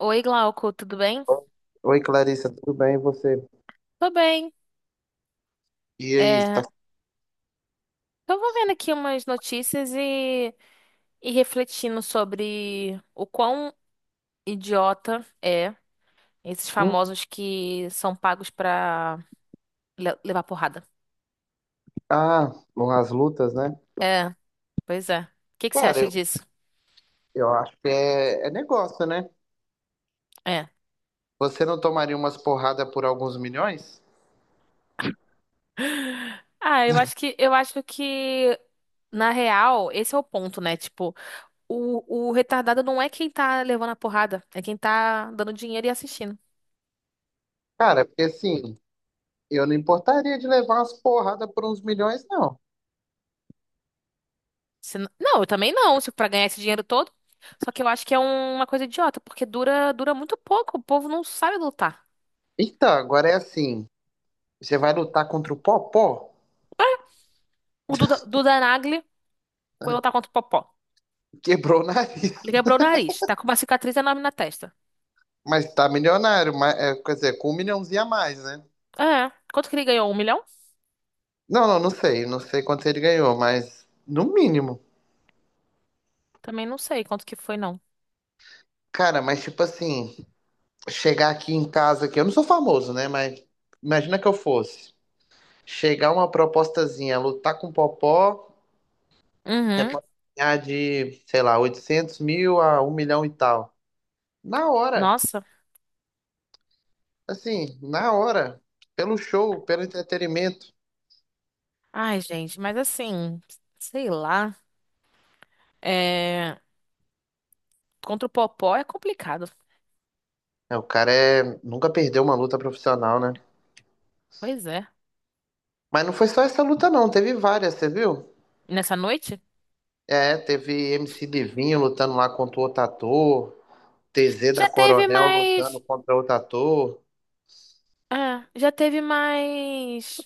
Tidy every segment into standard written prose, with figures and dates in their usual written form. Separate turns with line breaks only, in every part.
Oi, Glauco, tudo bem?
Oi, Clarissa, tudo bem? E você?
Tô bem.
E aí, tá.
É, Tô vendo aqui umas notícias e refletindo sobre o quão idiota é esses
Hum.
famosos que são pagos pra levar porrada.
Ah, Bom, as lutas, né?
É, pois é. O que que você
Cara,
acha
eu,
disso?
eu acho que é negócio, né?
É.
Você não tomaria umas porradas por alguns milhões?
Ah, eu acho que na real, esse é o ponto, né? Tipo, o retardado não é quem tá levando a porrada, é quem tá dando dinheiro e assistindo.
Cara, porque assim, eu não importaria de levar umas porradas por uns milhões, não.
Se n- Não, eu também não, se pra ganhar esse dinheiro todo. Só que eu acho que é uma coisa idiota, porque dura muito pouco, o povo não sabe lutar.
Então, agora é assim, você vai lutar contra o Popó?
O Duda Nagli foi lutar contra o Popó.
Quebrou o nariz,
Ele quebrou o nariz, tá com uma cicatriz enorme na testa.
mas tá milionário, mas, é, quer dizer, com um milhãozinho a mais, né?
É, quanto que ele ganhou? Um milhão?
Não, não, não sei, não sei quanto ele ganhou, mas no mínimo.
Também não sei quanto que foi, não.
Cara, mas tipo assim, chegar aqui em casa aqui, eu não sou famoso, né? Mas imagina que eu fosse. Chegar uma propostazinha, lutar com o Popó, você
Uhum,
pode ganhar de, sei lá, 800 mil a um milhão e tal. Na hora,
nossa.
assim, na hora, pelo show, pelo entretenimento.
Ai, gente, mas assim, sei lá. É, contra o Popó é complicado.
É, o cara é, nunca perdeu uma luta profissional, né?
Pois é.
Mas não foi só essa luta, não, teve várias, você viu?
Nessa noite?
É, teve MC Livinho lutando lá contra o outro ator, TZ da
Já teve
Coronel lutando
mais.
contra outro ator.
Ah, já teve mais.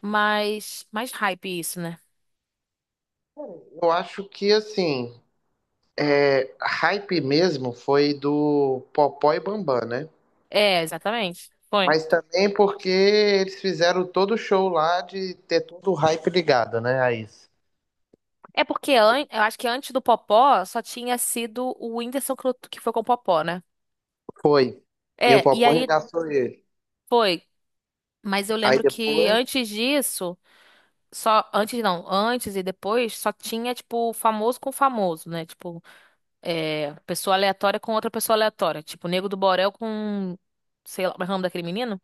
Mais, mais hype isso, né?
Eu acho que, assim, hype mesmo foi do Popó e Bambam, né?
É, exatamente. Foi.
Mas também porque eles fizeram todo o show lá de ter todo o hype ligado, né, a isso.
É porque eu acho que antes do Popó só tinha sido o Whindersson que que foi com o Popó, né?
Foi. E o
É, e
Popó
aí
regaçou ele.
foi. Mas eu
Aí
lembro que
depois,
antes disso, só antes não, antes e depois só tinha tipo famoso com famoso, né? Tipo, é, pessoa aleatória com outra pessoa aleatória, tipo Nego do Borel com sei lá, como é o nome daquele menino?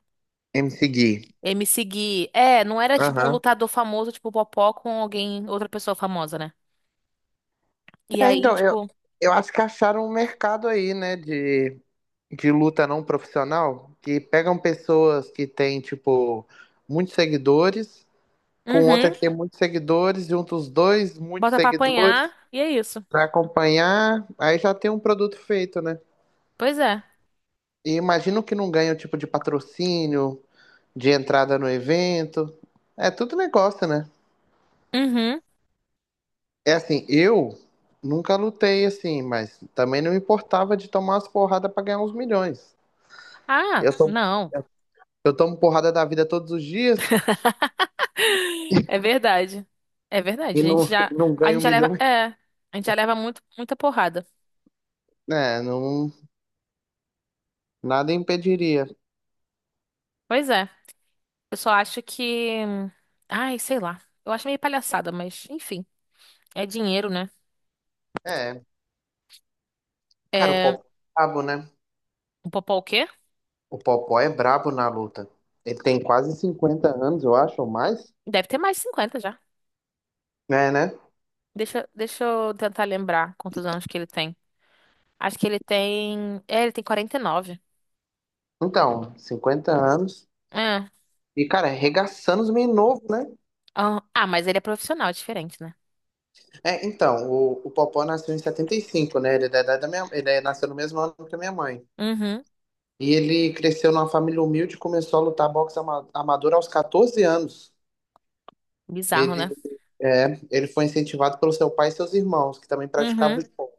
MC Gui.
MC Gui. É, não era tipo um
Aham.
lutador famoso, tipo Popó com alguém, outra pessoa famosa, né? E
É,
aí,
então, eu,
tipo,
eu acho que acharam um mercado aí, né, de luta não profissional, que pegam pessoas que têm, tipo, muitos seguidores com outra
uhum,
que tem muitos seguidores, junta os dois, muitos
bota pra
seguidores,
apanhar e é isso.
pra acompanhar, aí já tem um produto feito, né?
Pois é.
E imagino que não ganha o tipo de patrocínio, de entrada no evento. É tudo negócio, né?
Uhum.
É assim, eu nunca lutei assim, mas também não importava de tomar as porradas pra ganhar uns milhões. Eu,
Ah,
to-
não.
eu tomo porrada da vida todos os dias
É verdade. É
e
verdade.
não, não
A
ganho
gente já leva,
milhões.
é, a gente já leva muito, muita porrada.
É, não, nada impediria.
Pois é. Eu só acho que, ai, sei lá. Eu acho meio palhaçada, mas enfim, é dinheiro, né?
É, cara, o
É,
pau pro rabo, né?
o Popó o quê?
O Popó é brabo na luta. Ele tem quase 50 anos, eu acho, ou mais.
Deve ter mais de 50 já.
É, né?
Deixa eu tentar lembrar quantos anos que ele tem. Acho que ele tem, é, ele tem 49.
Então, 50 anos.
É.
E, cara, é arregaçando os meninos novos, né?
Ah, mas ele é profissional, é diferente, né?
É, então, o Popó nasceu em 75, né? Ele é da idade da minha, nasceu no mesmo ano que a minha mãe.
Uhum.
E ele cresceu numa família humilde e começou a lutar boxe amador aos 14 anos.
Bizarro, né?
Ele, ele foi incentivado pelo seu pai e seus irmãos, que também praticavam
Uhum.
esporte.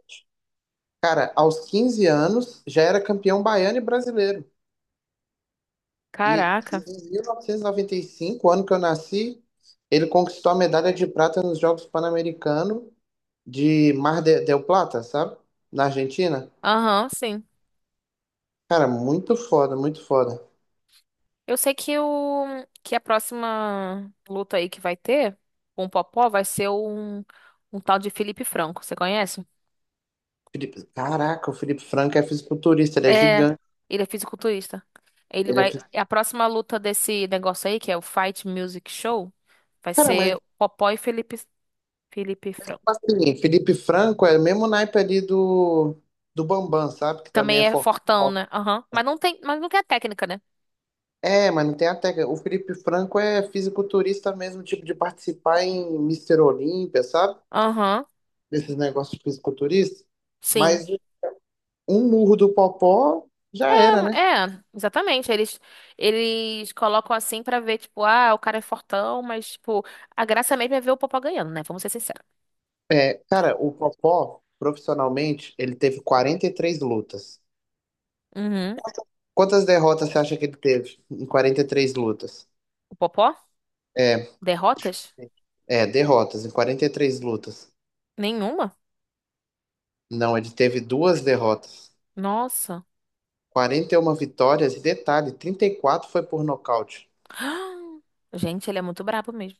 Cara, aos 15 anos, já era campeão baiano e brasileiro. E
Caraca.
em 1995, ano que eu nasci, ele conquistou a medalha de prata nos Jogos Pan-Americanos de del Plata, sabe? Na Argentina.
Aham, sim.
Cara, muito foda, muito foda.
Eu sei que o que a próxima luta aí que vai ter com o Popó vai ser um, um tal de Felipe Franco. Você conhece?
Felipe, caraca, o Felipe Franco é fisiculturista, ele é
É.
gigante.
Ele é fisiculturista. Ele
Ele é...
vai.
fis-
A próxima luta desse negócio aí, que é o Fight Music Show, vai
Cara, mas
ser Popó e Felipe, Felipe
tipo
Franco.
assim, Felipe Franco é o mesmo naipe ali do Bambam, sabe? Que também é
Também é
forte.
fortão, né? Aham. Mas não tem a técnica, né?
É, mas não tem a técnica. O Felipe Franco é fisiculturista mesmo, tipo de participar em Mister Olímpia, sabe?
Aham.
Desses negócios fisiculturistas,
Sim.
mas um murro do Popó já era, né?
É, exatamente. Eles colocam assim pra ver, tipo, ah, o cara é fortão, mas, tipo, a graça mesmo é ver o Popó ganhando, né? Vamos ser sinceros.
Cara, o Popó, profissionalmente, ele teve 43 lutas.
Uhum.
Quantas derrotas você acha que ele teve em 43 lutas?
O Popó?
É,
Derrotas?
é, derrotas, em 43 lutas.
Nenhuma?
Não, ele teve duas derrotas.
Nossa.
41 vitórias, e detalhe, 34 foi por nocaute.
Gente, ele é muito brabo mesmo.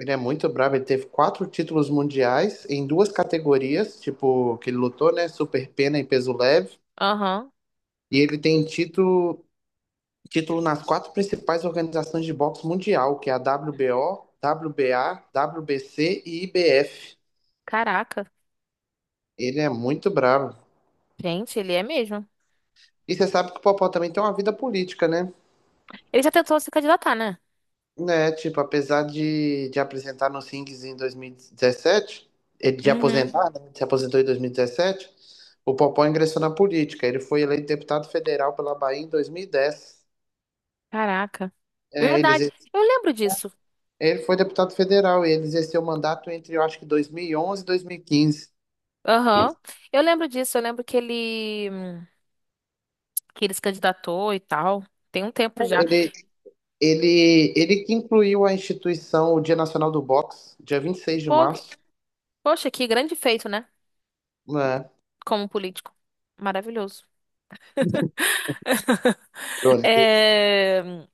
Ele é muito bravo, ele teve quatro títulos mundiais em duas categorias, tipo, que ele lutou, né? Super pena e peso leve.
Aham.
E ele tem título nas quatro principais organizações de boxe mundial, que é a WBO, WBA, WBC e IBF.
Caraca.
Ele é muito bravo.
Gente, ele é mesmo.
E você sabe que o Popó também tem uma vida política, né?
Ele já tentou se candidatar, né?
Né, tipo, apesar de apresentar nos rings em 2017, ele de
Uhum.
aposentar, né? Se aposentou em 2017, o Popó ingressou na política. Ele foi eleito deputado federal pela Bahia em 2010.
Caraca.
É, ele
Verdade. Eu lembro disso.
Ele foi deputado federal, ele exerceu mandato entre, eu acho que 2011 e onze e 2015.
Aham. Eu lembro disso. Eu lembro que ele se candidatou e tal. Tem um tempo já.
Ele, ele que incluiu a instituição, o Dia Nacional do Boxe, dia vinte e seis de
Pô,
março,
poxa, que grande feito, né?
né?
Como político. Maravilhoso.
Pronto.
É,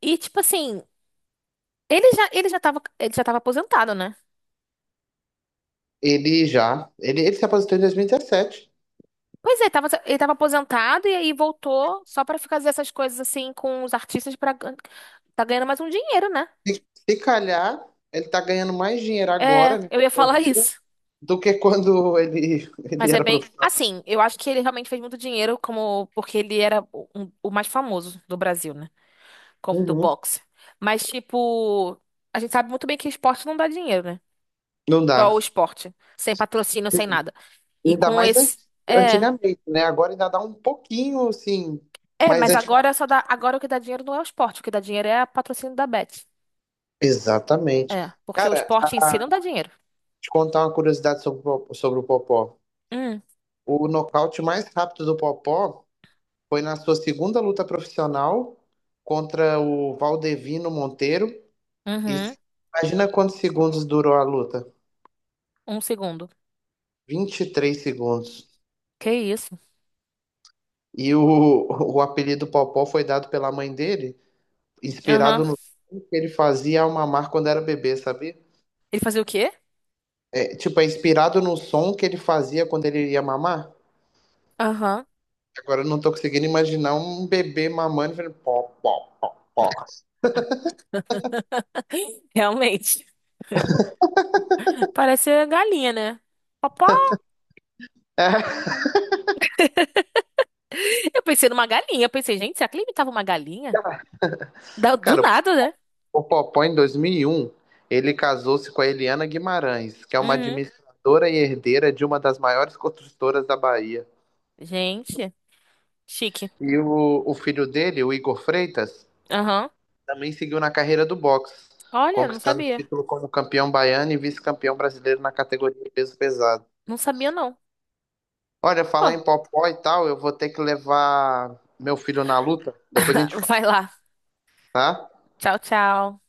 e tipo assim, ele já tava aposentado, né?
Ele se aposentou em 2017.
Pois é, ele tava aposentado e aí voltou só pra ficar fazendo essas coisas assim com os artistas para tá ganhando mais um dinheiro, né?
Se, se calhar, ele tá ganhando mais dinheiro agora,
É,
né,
eu
com
ia falar
bobeira,
isso.
do que quando ele, ele
Mas é
era
bem,
profissional.
assim, eu acho que ele realmente fez muito dinheiro como porque ele era o, o mais famoso do Brasil, né? Como- Do
Uhum.
boxe. Mas tipo, a gente sabe muito bem que esporte não dá dinheiro, né?
Não
Só
dá.
o esporte. Sem patrocínio, sem
Sim.
nada. E
Ainda
com
mais an-
esse. É.
antigamente, né? Agora ainda dá um pouquinho, assim,
É,
mas
mas
antigamente.
agora só dá. Agora o que dá dinheiro não é o esporte. O que dá dinheiro é o patrocínio da Bet.
Exatamente.
É. Porque o
Cara,
esporte em si não dá dinheiro.
te contar uma curiosidade sobre o Popó.
Hum.
O nocaute mais rápido do Popó foi na sua segunda luta profissional contra o Valdevino Monteiro. E
Uhum.
se- Imagina quantos segundos durou a luta?
Um segundo.
23 segundos.
Que isso?
E o apelido Popó foi dado pela mãe dele, inspirado
Aham.
no som que ele fazia ao mamar quando era bebê, sabia?
Ele fazia o quê?
É, tipo, é inspirado no som que ele fazia quando ele ia mamar.
Aham.
Agora eu não tô conseguindo imaginar um bebê mamando e falando pó, pó, pó, pó.
Realmente. Parece galinha, né? Papá. Eu pensei numa galinha. Eu pensei, gente, será que ele imitava uma galinha? Da- Do
Cara,
nada, né?
o Popó em 2001, ele casou-se com a Eliana Guimarães, que é uma
Uhum.
administradora e herdeira de uma das maiores construtoras da Bahia.
Gente, chique.
E o filho dele, o Igor Freitas,
Aham.
também seguiu na carreira do boxe,
Olha, não
conquistando o
sabia.
título como campeão baiano e vice-campeão brasileiro na categoria peso pesado.
Não sabia, não.
Olha,
Pô.
falar em Popó e tal, eu vou ter que levar meu filho na luta, depois a gente fala,
Vai lá.
tá?
Tchau, tchau.